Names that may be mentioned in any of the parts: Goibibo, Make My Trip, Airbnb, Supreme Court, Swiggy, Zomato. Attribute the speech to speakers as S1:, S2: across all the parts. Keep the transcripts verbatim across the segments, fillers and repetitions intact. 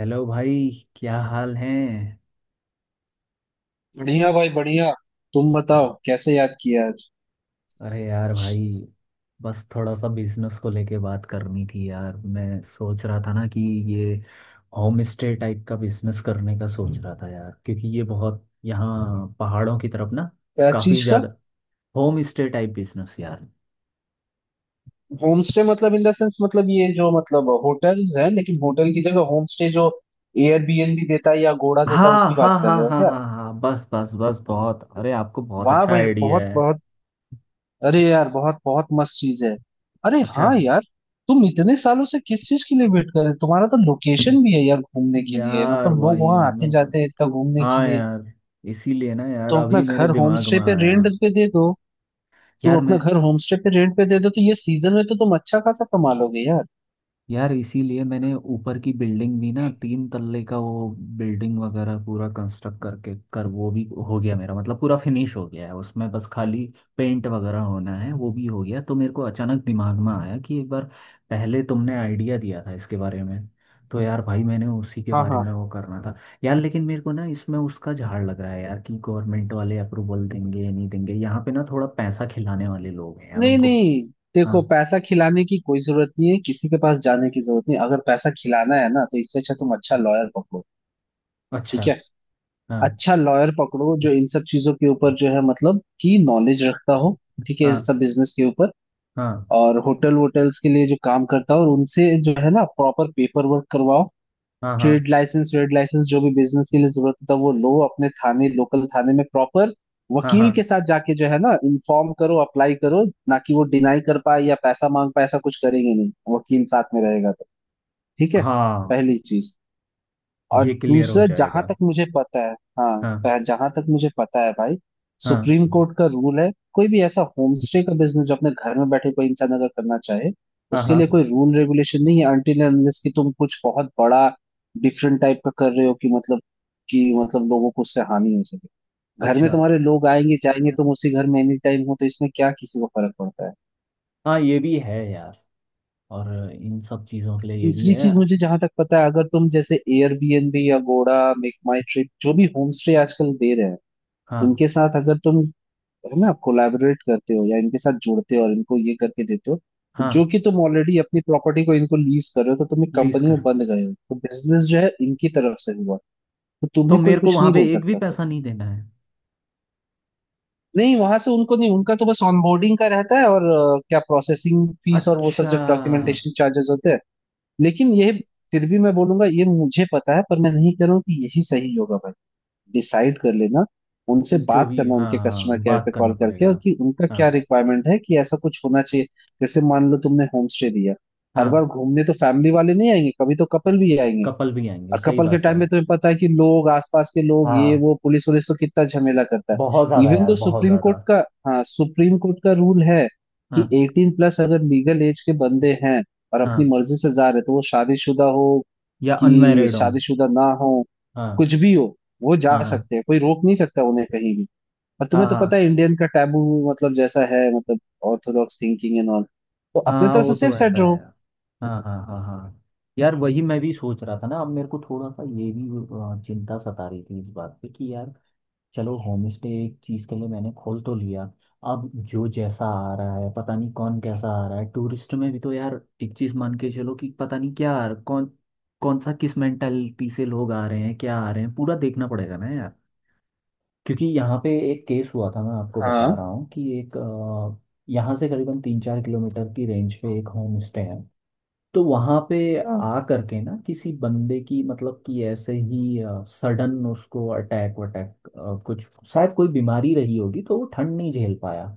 S1: Hello भाई, क्या हाल है।
S2: बढ़िया भाई बढ़िया। तुम बताओ कैसे याद किया आज।
S1: अरे यार भाई, बस थोड़ा सा बिजनेस को लेके बात करनी थी यार। मैं सोच रहा था ना कि ये होम स्टे टाइप का बिजनेस करने का सोच रहा था यार, क्योंकि ये बहुत यहाँ पहाड़ों की तरफ ना
S2: क्या
S1: काफी
S2: चीज का।
S1: ज्यादा। होम स्टे टाइप बिजनेस यार।
S2: होम स्टे मतलब इन द सेंस मतलब ये जो मतलब होटल्स है लेकिन होटल की जगह होम स्टे जो एयरबीएनबी देता है या गोड़ा देता
S1: हाँ
S2: है उसकी
S1: हाँ
S2: बात कर
S1: हाँ
S2: रहे हो
S1: हाँ
S2: क्या।
S1: हाँ हाँ, बस बस बस बहुत, अरे आपको बहुत
S2: वाह
S1: अच्छा
S2: भाई
S1: आइडिया
S2: बहुत
S1: है।
S2: बहुत। अरे यार बहुत बहुत मस्त चीज है। अरे
S1: अच्छा।
S2: हाँ यार, तुम इतने सालों से किस चीज के लिए वेट कर रहे हो? तुम्हारा तो लोकेशन भी है यार घूमने के लिए,
S1: यार
S2: मतलब लोग
S1: वही
S2: वहां
S1: ना
S2: आते
S1: मेरे को।
S2: जाते हैं इतना घूमने के
S1: हाँ
S2: लिए।
S1: यार, इसीलिए ना यार
S2: तो अपना
S1: अभी मेरे
S2: घर होम
S1: दिमाग
S2: स्टे
S1: में
S2: पे
S1: आया।
S2: रेंट पे दे दो। तुम
S1: यार मैं,
S2: अपना घर होमस्टे पे रेंट पे दे दो तो ये सीजन में तो तुम अच्छा खासा कमा लोगे यार।
S1: यार इसीलिए मैंने ऊपर की बिल्डिंग भी ना तीन तल्ले का वो बिल्डिंग वगैरह पूरा कंस्ट्रक्ट करके कर वो भी हो गया मेरा, मतलब पूरा फिनिश हो गया है। उसमें बस खाली पेंट वगैरह होना है, वो भी हो गया। तो मेरे को अचानक दिमाग में आया कि एक बार पहले तुमने आइडिया दिया था इसके बारे में, तो यार भाई मैंने उसी के
S2: हाँ
S1: बारे
S2: हाँ।
S1: में वो करना था। यार लेकिन मेरे को ना इसमें उसका झाड़ लग रहा है यार, कि गवर्नमेंट वाले अप्रूवल देंगे या नहीं देंगे। यहाँ पे ना थोड़ा पैसा खिलाने वाले लोग हैं यार
S2: नहीं
S1: उनको।
S2: नहीं, देखो
S1: हाँ।
S2: पैसा खिलाने की कोई जरूरत नहीं है, किसी के पास जाने की जरूरत नहीं। अगर पैसा खिलाना है ना तो इससे अच्छा तुम अच्छा लॉयर पकड़ो।
S1: अच्छा।
S2: ठीक है।
S1: हाँ
S2: अच्छा लॉयर पकड़ो जो इन सब चीजों के ऊपर जो है मतलब कि नॉलेज रखता हो। ठीक है, इन
S1: हाँ
S2: सब बिजनेस के ऊपर
S1: हाँ
S2: और होटल वोटल्स के लिए जो काम करता हो, और उनसे जो है ना प्रॉपर पेपर वर्क करवाओ।
S1: हाँ हाँ
S2: ट्रेड लाइसेंस, ट्रेड लाइसेंस जो भी बिजनेस के लिए जरूरत होता है वो लो। अपने थाने, लोकल थाने में प्रॉपर
S1: हाँ
S2: वकील
S1: हाँ
S2: के साथ जाके जो है ना इन्फॉर्म करो, अप्लाई करो। ना कि वो डिनाई कर पाए या पैसा मांग पाए, ऐसा कुछ करेंगे नहीं वकील साथ में रहेगा तो। ठीक है।
S1: हाँ।
S2: पहली चीज। और
S1: ये क्लियर हो
S2: दूसरा, जहां
S1: जाएगा।
S2: तक मुझे पता है, हाँ
S1: हाँ
S2: पह- जहां तक मुझे पता है भाई,
S1: हाँ
S2: सुप्रीम कोर्ट का रूल है कोई भी ऐसा होम स्टे का बिजनेस जो अपने घर में बैठे कोई इंसान अगर करना चाहे,
S1: हाँ
S2: उसके लिए
S1: हाँ।
S2: कोई रूल रेगुलेशन नहीं है। अनटिल एंड अनलेस कि तुम कुछ बहुत बड़ा डिफरेंट टाइप का कर रहे हो कि मतलब कि मतलब लोगों को उससे हानि हो सके। घर में
S1: अच्छा।
S2: तुम्हारे लोग आएंगे जाएंगे, तुम उसी घर में एनी टाइम हो, तो इसमें क्या किसी को फर्क पड़ता है।
S1: हाँ, ये भी है यार। और इन सब चीज़ों के लिए ये भी
S2: तीसरी
S1: है।
S2: चीज मुझे जहां तक पता है, अगर तुम जैसे एयरबीएनबी या गोड़ा, मेक माई ट्रिप, जो भी होम स्टे आजकल दे रहे हैं,
S1: हाँ
S2: इनके साथ अगर तुम है ना कोलैबोरेट करते हो या इनके साथ जुड़ते हो और इनको ये करके देते हो, तो जो
S1: हाँ।
S2: कि तुम ऑलरेडी अपनी प्रॉपर्टी को इनको लीज कर रहे हो, तो तुम एक
S1: लीज
S2: कंपनी
S1: कर।
S2: में बंद गए हो, तो बिजनेस जो है इनकी तरफ से हुआ। तो
S1: तो
S2: तुम्हें कोई
S1: मेरे को
S2: कुछ
S1: वहाँ
S2: नहीं
S1: पे
S2: बोल
S1: एक भी
S2: सकता फिर।
S1: पैसा नहीं देना है।
S2: नहीं, वहां से उनको नहीं, उनका तो बस ऑनबोर्डिंग का रहता है और अ, क्या प्रोसेसिंग फीस और वो
S1: अच्छा।
S2: सब जो डॉक्यूमेंटेशन चार्जेस होते हैं। लेकिन यह, फिर भी मैं बोलूंगा ये मुझे पता है पर मैं नहीं कह रहा हूँ कि यही सही होगा भाई। डिसाइड कर लेना। उनसे
S1: जो
S2: बात
S1: भी,
S2: करना,
S1: हाँ
S2: उनके कस्टमर
S1: हाँ
S2: केयर
S1: बात
S2: पे
S1: करना
S2: कॉल करके,
S1: पड़ेगा।
S2: और कि उनका क्या
S1: हाँ
S2: रिक्वायरमेंट है, कि ऐसा कुछ होना चाहिए। जैसे मान लो तुमने होम स्टे दिया। हर बार
S1: हाँ।
S2: घूमने तो फैमिली वाले नहीं आएंगे, कभी तो कपल भी आएंगे।
S1: कपल भी आएंगे,
S2: और
S1: सही
S2: कपल के
S1: बात है।
S2: टाइम में तुम्हें पता है कि लोग, आसपास के लोग, ये
S1: हाँ।
S2: वो पुलिस वुलिस तो कितना झमेला करता
S1: बहुत
S2: है।
S1: ज़्यादा
S2: इवन
S1: यार,
S2: तो
S1: बहुत
S2: सुप्रीम
S1: ज़्यादा।
S2: कोर्ट का, हाँ सुप्रीम कोर्ट का रूल है कि
S1: हाँ
S2: एटीन प्लस अगर लीगल एज के बंदे हैं और अपनी
S1: हाँ।
S2: मर्जी से जा रहे, तो वो शादीशुदा हो
S1: या
S2: कि
S1: अनमैरिड हो।
S2: शादीशुदा ना हो,
S1: हाँ
S2: कुछ भी हो, वो जा
S1: हाँ हाँ
S2: सकते हैं, कोई रोक नहीं सकता उन्हें कहीं भी। और
S1: हाँ
S2: तुम्हें तो पता
S1: हाँ।
S2: है इंडियन का टैबू, मतलब जैसा है, मतलब ऑर्थोडॉक्स थिंकिंग एंड ऑल। तो अपने
S1: हाँ
S2: तरफ
S1: वो
S2: से
S1: तो
S2: सेफ
S1: रहता
S2: साइड
S1: है
S2: रहो।
S1: यार। हाँ हाँ हाँ हाँ। यार वही मैं भी सोच रहा था ना, अब मेरे को थोड़ा सा ये भी अ, चिंता सता रही थी इस बात पे कि यार चलो होम स्टे एक चीज़ के लिए मैंने खोल तो लिया। अब जो जैसा आ रहा है पता नहीं कौन कैसा आ रहा है टूरिस्ट में भी, तो यार एक चीज़ मान के चलो कि पता नहीं क्या आ रहा- कौन कौन सा किस मेंटालिटी से लोग आ रहे हैं, क्या आ रहे हैं, पूरा देखना पड़ेगा ना यार। क्योंकि यहाँ पे एक केस हुआ था, मैं आपको बता
S2: हाँ
S1: रहा हूँ कि एक अ, यहाँ से करीबन तीन चार किलोमीटर की रेंज पे एक होम स्टे है। तो वहाँ पे
S2: हाँ
S1: आ करके ना किसी बंदे की मतलब कि ऐसे ही सडन उसको अटैक वटैक अ, कुछ शायद कोई बीमारी रही होगी तो वो ठंड नहीं झेल पाया।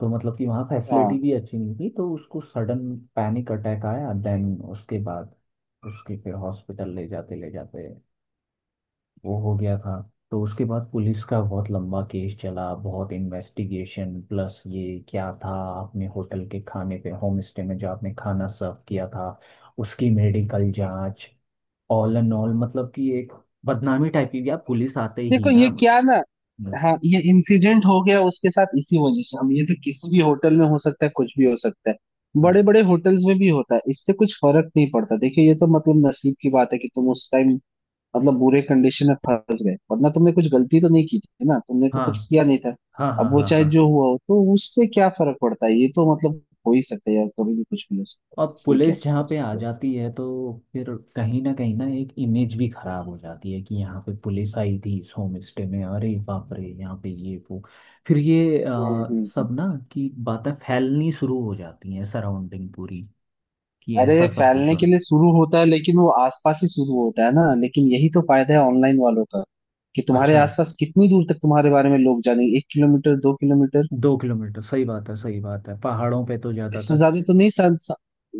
S1: तो मतलब कि वहाँ फैसिलिटी
S2: हाँ।
S1: भी अच्छी नहीं थी, तो उसको सडन पैनिक अटैक आया, देन उसके बाद उसके फिर हॉस्पिटल ले जाते ले जाते वो हो गया था। तो उसके बाद पुलिस का बहुत लंबा केस चला, बहुत इन्वेस्टिगेशन प्लस ये क्या था, आपने होटल के खाने पे होम स्टे में जो आपने खाना सर्व किया था उसकी मेडिकल जांच, ऑल एंड ऑल मतलब कि एक बदनामी टाइप की यार पुलिस आते ही
S2: देखो
S1: ना।
S2: ये क्या ना, हाँ ये इंसिडेंट हो गया उसके साथ इसी वजह से। अब ये तो किसी भी होटल में हो सकता है, कुछ भी हो सकता है,
S1: हाँ
S2: बड़े बड़े होटल्स में भी होता है, इससे कुछ फर्क नहीं पड़ता। देखिए ये तो मतलब नसीब की बात है कि तुम उस टाइम मतलब बुरे कंडीशन में फंस गए, वरना तुमने कुछ गलती तो नहीं की थी ना, तुमने तो
S1: हाँ
S2: कुछ किया नहीं था।
S1: हाँ हाँ
S2: अब
S1: हाँ
S2: वो
S1: हाँ
S2: चाहे
S1: हाँ।
S2: जो हुआ हो तो उससे क्या फर्क पड़ता है, ये तो मतलब हो ही सकता है यार, कभी भी कुछ भी हो सकता है,
S1: अब
S2: इसमें क्या
S1: पुलिस जहाँ
S2: कर
S1: पे आ
S2: सकते हैं।
S1: जाती है तो फिर कहीं ना कहीं ना एक इमेज भी खराब हो जाती है, कि यहाँ पे पुलिस आई थी इस होम स्टे में, अरे बाप रे यहाँ पे ये वो। फिर ये अ,
S2: हम्म हम्म।
S1: सब ना, कि बातें फैलनी शुरू हो जाती हैं सराउंडिंग पूरी, कि
S2: अरे
S1: ऐसा सब कुछ
S2: फैलने
S1: हो।
S2: के लिए शुरू होता है लेकिन वो आसपास ही शुरू होता है ना। लेकिन यही तो फायदा है ऑनलाइन वालों का, कि तुम्हारे
S1: अच्छा।
S2: आसपास कितनी दूर तक तुम्हारे बारे में लोग जानेंगे, एक किलोमीटर, दो किलोमीटर,
S1: दो किलोमीटर, सही बात है, सही बात है, पहाड़ों पे तो
S2: इससे
S1: ज़्यादातर।
S2: ज्यादा तो नहीं स, स,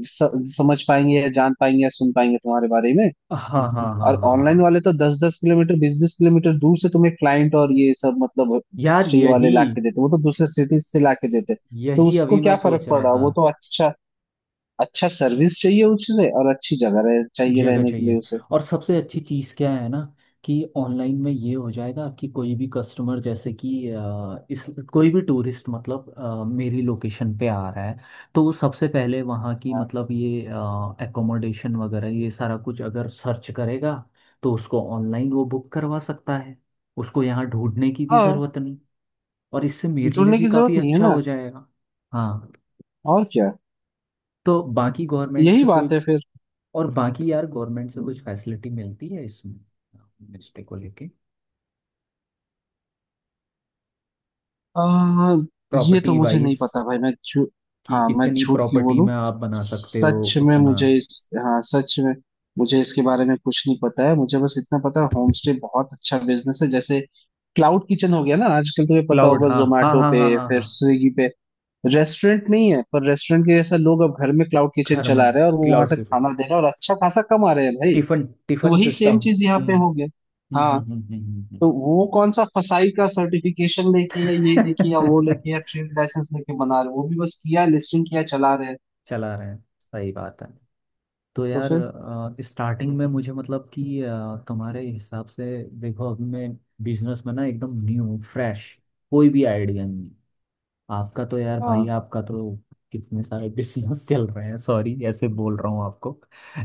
S2: स, समझ पाएंगे या जान पाएंगे या सुन पाएंगे तुम्हारे बारे में।
S1: हाँ हाँ हाँ हाँ
S2: और ऑनलाइन
S1: हाँ।
S2: वाले तो दस दस किलोमीटर, बीस बीस किलोमीटर दूर से तुम्हें क्लाइंट और ये सब, मतलब
S1: यार
S2: स्ट्री वाले
S1: यही,
S2: ला के देते, वो तो दूसरे सिटीज से ला के देते, तो
S1: यही
S2: उसको
S1: अभी मैं
S2: क्या फर्क
S1: सोच
S2: पड़
S1: रहा
S2: रहा,
S1: था।
S2: वो तो अच्छा, अच्छा सर्विस चाहिए उससे और अच्छी जगह रह, चाहिए
S1: जगह
S2: रहने के लिए
S1: चाहिए।
S2: उसे।
S1: और सबसे अच्छी चीज़ क्या है ना, कि ऑनलाइन में ये हो जाएगा कि कोई भी कस्टमर जैसे कि अ, इस कोई भी टूरिस्ट मतलब अ, मेरी लोकेशन पे आ रहा है तो वो सबसे पहले वहाँ की मतलब ये एकोमोडेशन वगैरह ये सारा कुछ अगर सर्च करेगा तो उसको ऑनलाइन वो बुक करवा सकता है। उसको यहाँ ढूंढने की भी
S2: हाँ,
S1: ज़रूरत नहीं, और इससे मेरे लिए
S2: जुड़ने
S1: भी
S2: की जरूरत
S1: काफ़ी
S2: नहीं है
S1: अच्छा
S2: ना।
S1: हो जाएगा। हाँ।
S2: और क्या।
S1: तो बाकी गवर्नमेंट
S2: यही
S1: से
S2: बात
S1: कोई,
S2: है फिर।
S1: और बाकी यार गवर्नमेंट से कुछ फैसिलिटी मिलती है इसमें होमस्टे को लेके
S2: आ, ये तो
S1: प्रॉपर्टी
S2: मुझे नहीं
S1: वाइज,
S2: पता भाई, मैं झू
S1: कि
S2: हाँ मैं
S1: इतनी
S2: झूठ क्यों
S1: प्रॉपर्टी
S2: बोलूं,
S1: में आप बना सकते हो
S2: सच में
S1: उतना।
S2: मुझे इस, हाँ सच में मुझे इसके बारे में कुछ नहीं पता है। मुझे बस इतना पता है होम स्टे बहुत अच्छा बिजनेस है, जैसे क्लाउड किचन हो गया ना आजकल, तुम्हें पता
S1: क्लाउड
S2: होगा
S1: हाँ हाँ
S2: जोमेटो
S1: हाँ
S2: पे
S1: हाँ हाँ
S2: फिर
S1: हाँ।
S2: स्विगी पे, रेस्टोरेंट नहीं है पर रेस्टोरेंट के जैसा लोग अब घर में क्लाउड किचन
S1: घर में
S2: चला रहे हैं, और वो वहां
S1: क्लाउड
S2: से
S1: के थ्रू।
S2: खाना दे रहे हैं और अच्छा खासा कमा रहे हैं भाई।
S1: टिफिन।
S2: तो
S1: टिफिन
S2: वही
S1: सिस्टम।
S2: सेम चीज यहाँ पे
S1: हम्म
S2: हो गया।
S1: हम्म हम्म
S2: हाँ।
S1: हम्म हम्म, हम्म,
S2: तो
S1: हम्म।
S2: वो कौन सा फसाई का सर्टिफिकेशन लेके या ये लेके या वो लेके या ट्रेड लाइसेंस लेके बना रहे हैं? वो भी बस किया लिस्टिंग, किया चला रहे हैं।
S1: चला रहे हैं, सही बात है। तो
S2: तो
S1: यार
S2: फिर,
S1: स्टार्टिंग में मुझे मतलब कि अ, तुम्हारे हिसाब से, देखो अभी मैं बिजनेस में ना एकदम न्यू फ्रेश, कोई भी आइडिया नहीं। आपका तो यार भाई
S2: हाँ
S1: आपका तो कितने सारे बिजनेस चल रहे हैं, सॉरी ऐसे बोल रहा हूँ आपको।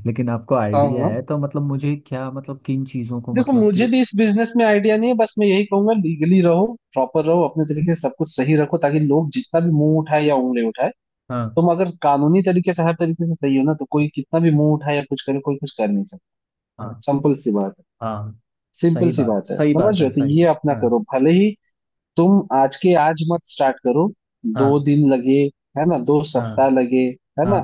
S1: लेकिन आपको
S2: हाँ
S1: आइडिया है
S2: हाँ,
S1: तो मतलब मुझे क्या मतलब किन चीज़ों को
S2: देखो
S1: मतलब
S2: मुझे
S1: कि,
S2: भी इस बिजनेस में आइडिया नहीं है, बस मैं यही कहूंगा लीगली रहो, प्रॉपर रहो, अपने तरीके से सब कुछ सही रखो ताकि लोग जितना भी मुंह उठाए या उंगली उठाए,
S1: हाँ
S2: तुम अगर कानूनी तरीके से हर तरीके से सही हो ना तो कोई कितना भी मुंह उठाए या कुछ करे, कोई कुछ कर नहीं सकता।
S1: हाँ
S2: सिंपल सी बात है।
S1: हाँ,
S2: सिंपल
S1: सही
S2: सी
S1: बात
S2: बात है,
S1: सही
S2: समझ
S1: बात
S2: रहे
S1: है
S2: हो, तो
S1: सही।
S2: ये अपना
S1: हाँ
S2: करो भले ही तुम आज के आज मत स्टार्ट करो, दो
S1: हाँ
S2: दिन लगे है ना, दो
S1: हाँ
S2: सप्ताह लगे है ना,
S1: हाँ।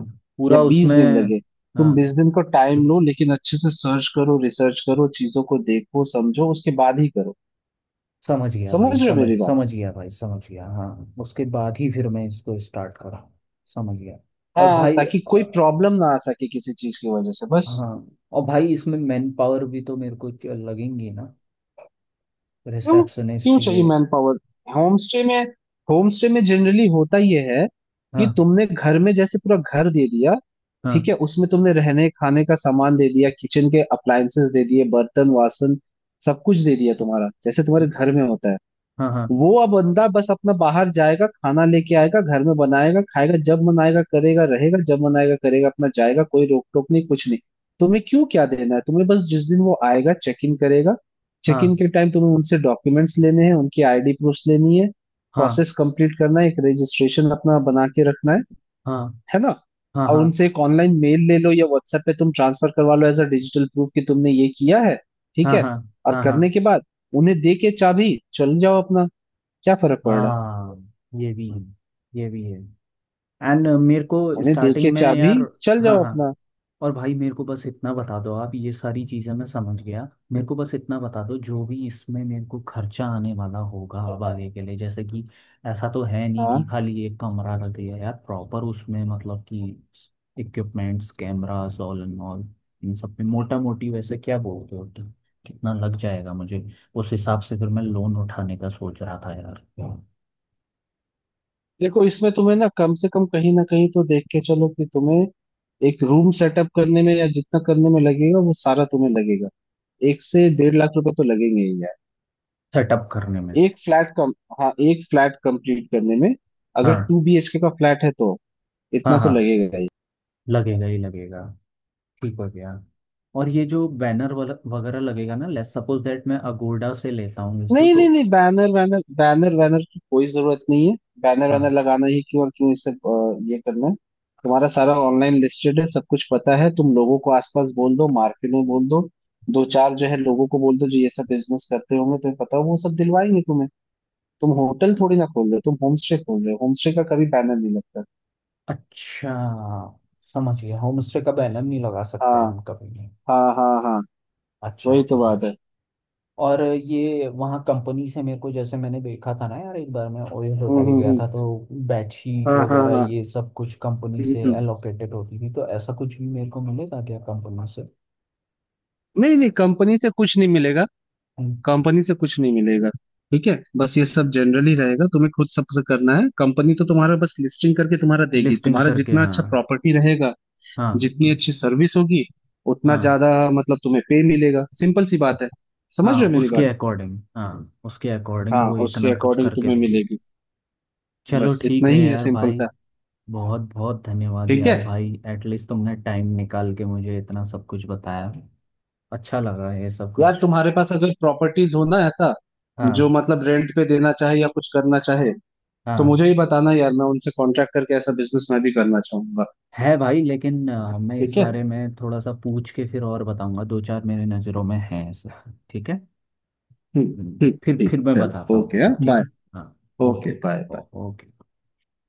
S2: या
S1: पूरा
S2: बीस दिन
S1: उसमें।
S2: लगे। तुम
S1: हाँ।
S2: बीस दिन को टाइम लो लेकिन अच्छे से सर्च करो, रिसर्च करो, चीजों को देखो समझो उसके बाद ही करो।
S1: समझ गया
S2: समझ
S1: भाई
S2: रहे हो
S1: समझ
S2: मेरी बात?
S1: समझ गया भाई समझ गया हाँ। उसके बाद ही फिर मैं इसको स्टार्ट करा। समझ गया। और
S2: हाँ
S1: भाई
S2: ताकि कोई
S1: अ,
S2: प्रॉब्लम ना आ सके किसी चीज की वजह से बस।
S1: हाँ, और भाई इसमें मैन पावर भी तो मेरे को च- लगेंगी ना,
S2: क्यों क्यों
S1: रिसेप्शनिस्ट
S2: चाहिए
S1: ये।
S2: मैन पावर होम स्टे में। होम स्टे में जनरली होता यह है कि
S1: हाँ
S2: तुमने घर में जैसे पूरा घर दे दिया, ठीक
S1: हाँ
S2: है, उसमें तुमने रहने खाने का सामान दे दिया, किचन के अप्लायंसेस दे दिए, बर्तन वासन सब कुछ दे दिया तुम्हारा, जैसे तुम्हारे घर में होता है।
S1: हाँ हाँ
S2: वो अब बंदा बस अपना बाहर जाएगा, खाना लेके आएगा, घर में बनाएगा, खाएगा, जब मन आएगा करेगा, रहेगा जब मन आएगा करेगा, अपना जाएगा, कोई रोक टोक नहीं, कुछ नहीं। तुम्हें क्यों क्या देना है, तुम्हें बस जिस दिन वो आएगा चेक इन करेगा, चेक
S1: हाँ
S2: इन के टाइम तुम्हें उनसे डॉक्यूमेंट्स लेने हैं, उनकी आईडी प्रूफ लेनी है,
S1: हाँ
S2: प्रोसेस कंप्लीट करना है, एक रजिस्ट्रेशन अपना बना के रखना है
S1: हाँ
S2: है ना।
S1: हाँ
S2: और
S1: हाँ
S2: उनसे एक ऑनलाइन मेल ले लो, या व्हाट्सएप पे तुम ट्रांसफर करवा लो एज अ डिजिटल प्रूफ कि तुमने ये किया है। ठीक
S1: हाँ
S2: है।
S1: हाँ
S2: और
S1: हाँ
S2: करने
S1: हाँ
S2: के बाद उन्हें दे के चाबी, चल जाओ अपना, क्या फर्क पड़ रहा है।
S1: हाँ। ये भी है, ये भी है। एंड मेरे को
S2: उन्हें दे
S1: स्टार्टिंग
S2: के
S1: में
S2: चाबी
S1: यार।
S2: चल
S1: हाँ
S2: जाओ
S1: हाँ।
S2: अपना।
S1: और भाई मेरे को बस इतना बता दो आप, ये सारी चीज़ें मैं समझ गया। मेरे को बस इतना बता दो जो भी इसमें मेरे को खर्चा आने वाला होगा अब आगे के लिए, जैसे कि ऐसा तो है नहीं कि
S2: हाँ
S1: खाली एक कमरा लग गया यार प्रॉपर उसमें मतलब कि equipments cameras all and all, इन सब पे मोटा मोटी वैसे क्या बोलते हो कि कितना लग जाएगा मुझे। उस हिसाब से फिर मैं लोन उठाने का सोच रहा था यार।
S2: देखो इसमें तुम्हें ना कम से कम कहीं ना कहीं तो देख के चलो कि तुम्हें एक रूम सेटअप करने में या जितना करने में लगेगा, वो सारा तुम्हें लगेगा एक से डेढ़ लाख रुपए तो लगेंगे ही यार।
S1: सेटअप करने में।
S2: एक फ्लैट कम, हाँ एक फ्लैट कंप्लीट करने में, अगर
S1: हाँ
S2: टू बी एच के का फ्लैट है तो
S1: हाँ
S2: इतना तो
S1: हाँ।
S2: लगेगा ही।
S1: लगेगा ही लगेगा। ठीक हो गया। और ये जो बैनर वगैरह लगेगा ना, लेट्स सपोज दैट मैं अगोडा से लेता हूँ इसको
S2: नहीं
S1: तो।
S2: नहीं नहीं बैनर वैनर बैनर वैनर की कोई जरूरत नहीं है। बैनर वैनर
S1: हाँ।
S2: लगाना ही क्यों और क्यों इससे, अ, ये करना है, तुम्हारा सारा ऑनलाइन लिस्टेड है, सब कुछ पता है, तुम लोगों को आसपास बोल दो, मार्केट में बोल दो, दो चार जो है लोगों को बोल दो, जो ये सब बिजनेस करते होंगे तुम्हें पता हो, वो सब दिलवाएंगे तुम्हें। तुम होटल थोड़ी ना खोल रहे हो, तुम होम स्टे खोल रहे हो, होम स्टे का कभी बैनर नहीं लगता।
S1: अच्छा, समझ गया, होम स्टे का बैनर नहीं लगा सकते हैं
S2: हाँ
S1: हम कभी नहीं।
S2: हाँ हाँ हाँ।
S1: अच्छा
S2: वही तो
S1: अच्छा।
S2: बात है।
S1: और ये वहाँ कंपनी से मेरे को, जैसे मैंने देखा था ना यार एक बार मैं ओयो
S2: हम्म
S1: होटल
S2: हम्म
S1: गया
S2: हम्म।
S1: था तो बेडशीट
S2: हाँ हाँ
S1: वगैरह
S2: हाँ।
S1: ये सब कुछ कंपनी
S2: हम्म
S1: से
S2: हम्म।
S1: एलोकेटेड होती थी, तो ऐसा कुछ भी मेरे को मिलेगा क्या कंपनी से।
S2: नहीं नहीं कंपनी से कुछ नहीं मिलेगा, कंपनी से कुछ नहीं मिलेगा। ठीक है, बस ये सब जनरली रहेगा, तुम्हें खुद सबसे करना है। कंपनी तो तुम्हारा बस लिस्टिंग करके तुम्हारा देगी,
S1: लिस्टिंग
S2: तुम्हारा
S1: करके,
S2: जितना
S1: हाँ।
S2: अच्छा प्रॉपर्टी रहेगा,
S1: हाँ
S2: जितनी अच्छी सर्विस होगी, उतना
S1: हाँ
S2: ज्यादा मतलब तुम्हें पे मिलेगा, सिंपल सी बात है। समझ रहे
S1: हाँ।
S2: हो मेरी
S1: उसके
S2: बात?
S1: अकॉर्डिंग, हाँ उसके अकॉर्डिंग
S2: हाँ
S1: वो
S2: उसके
S1: इतना कुछ
S2: अकॉर्डिंग
S1: करके
S2: तुम्हें
S1: देंगे।
S2: मिलेगी।
S1: चलो
S2: बस इतना
S1: ठीक है
S2: ही है,
S1: यार
S2: सिंपल
S1: भाई,
S2: सा।
S1: बहुत बहुत धन्यवाद
S2: ठीक है,
S1: यार भाई, एटलीस्ट तुमने टाइम निकाल के मुझे इतना सब कुछ बताया, अच्छा लगा ये सब
S2: यार
S1: कुछ।
S2: तुम्हारे पास अगर प्रॉपर्टीज हो ना ऐसा, जो
S1: हाँ
S2: मतलब रेंट पे देना चाहे या कुछ करना चाहे, तो
S1: हाँ।
S2: मुझे ही बताना यार, मैं उनसे कॉन्ट्रैक्ट करके ऐसा बिजनेस मैं भी करना चाहूंगा।
S1: है भाई, लेकिन अ, मैं इस
S2: ठीक
S1: बारे
S2: है।
S1: में थोड़ा सा पूछ के फिर और बताऊंगा, दो चार मेरे नज़रों में है ऐसा। ठीक है।
S2: हम्म,
S1: हम्म,
S2: हम्म,
S1: फिर
S2: ठीक
S1: फिर
S2: है
S1: मैं बताता
S2: चलो
S1: हूँ
S2: ओके
S1: तुम्हें, ठीक
S2: बाय।
S1: है। हाँ।
S2: Okay
S1: okay.
S2: Bye bye.
S1: ओ- ओके।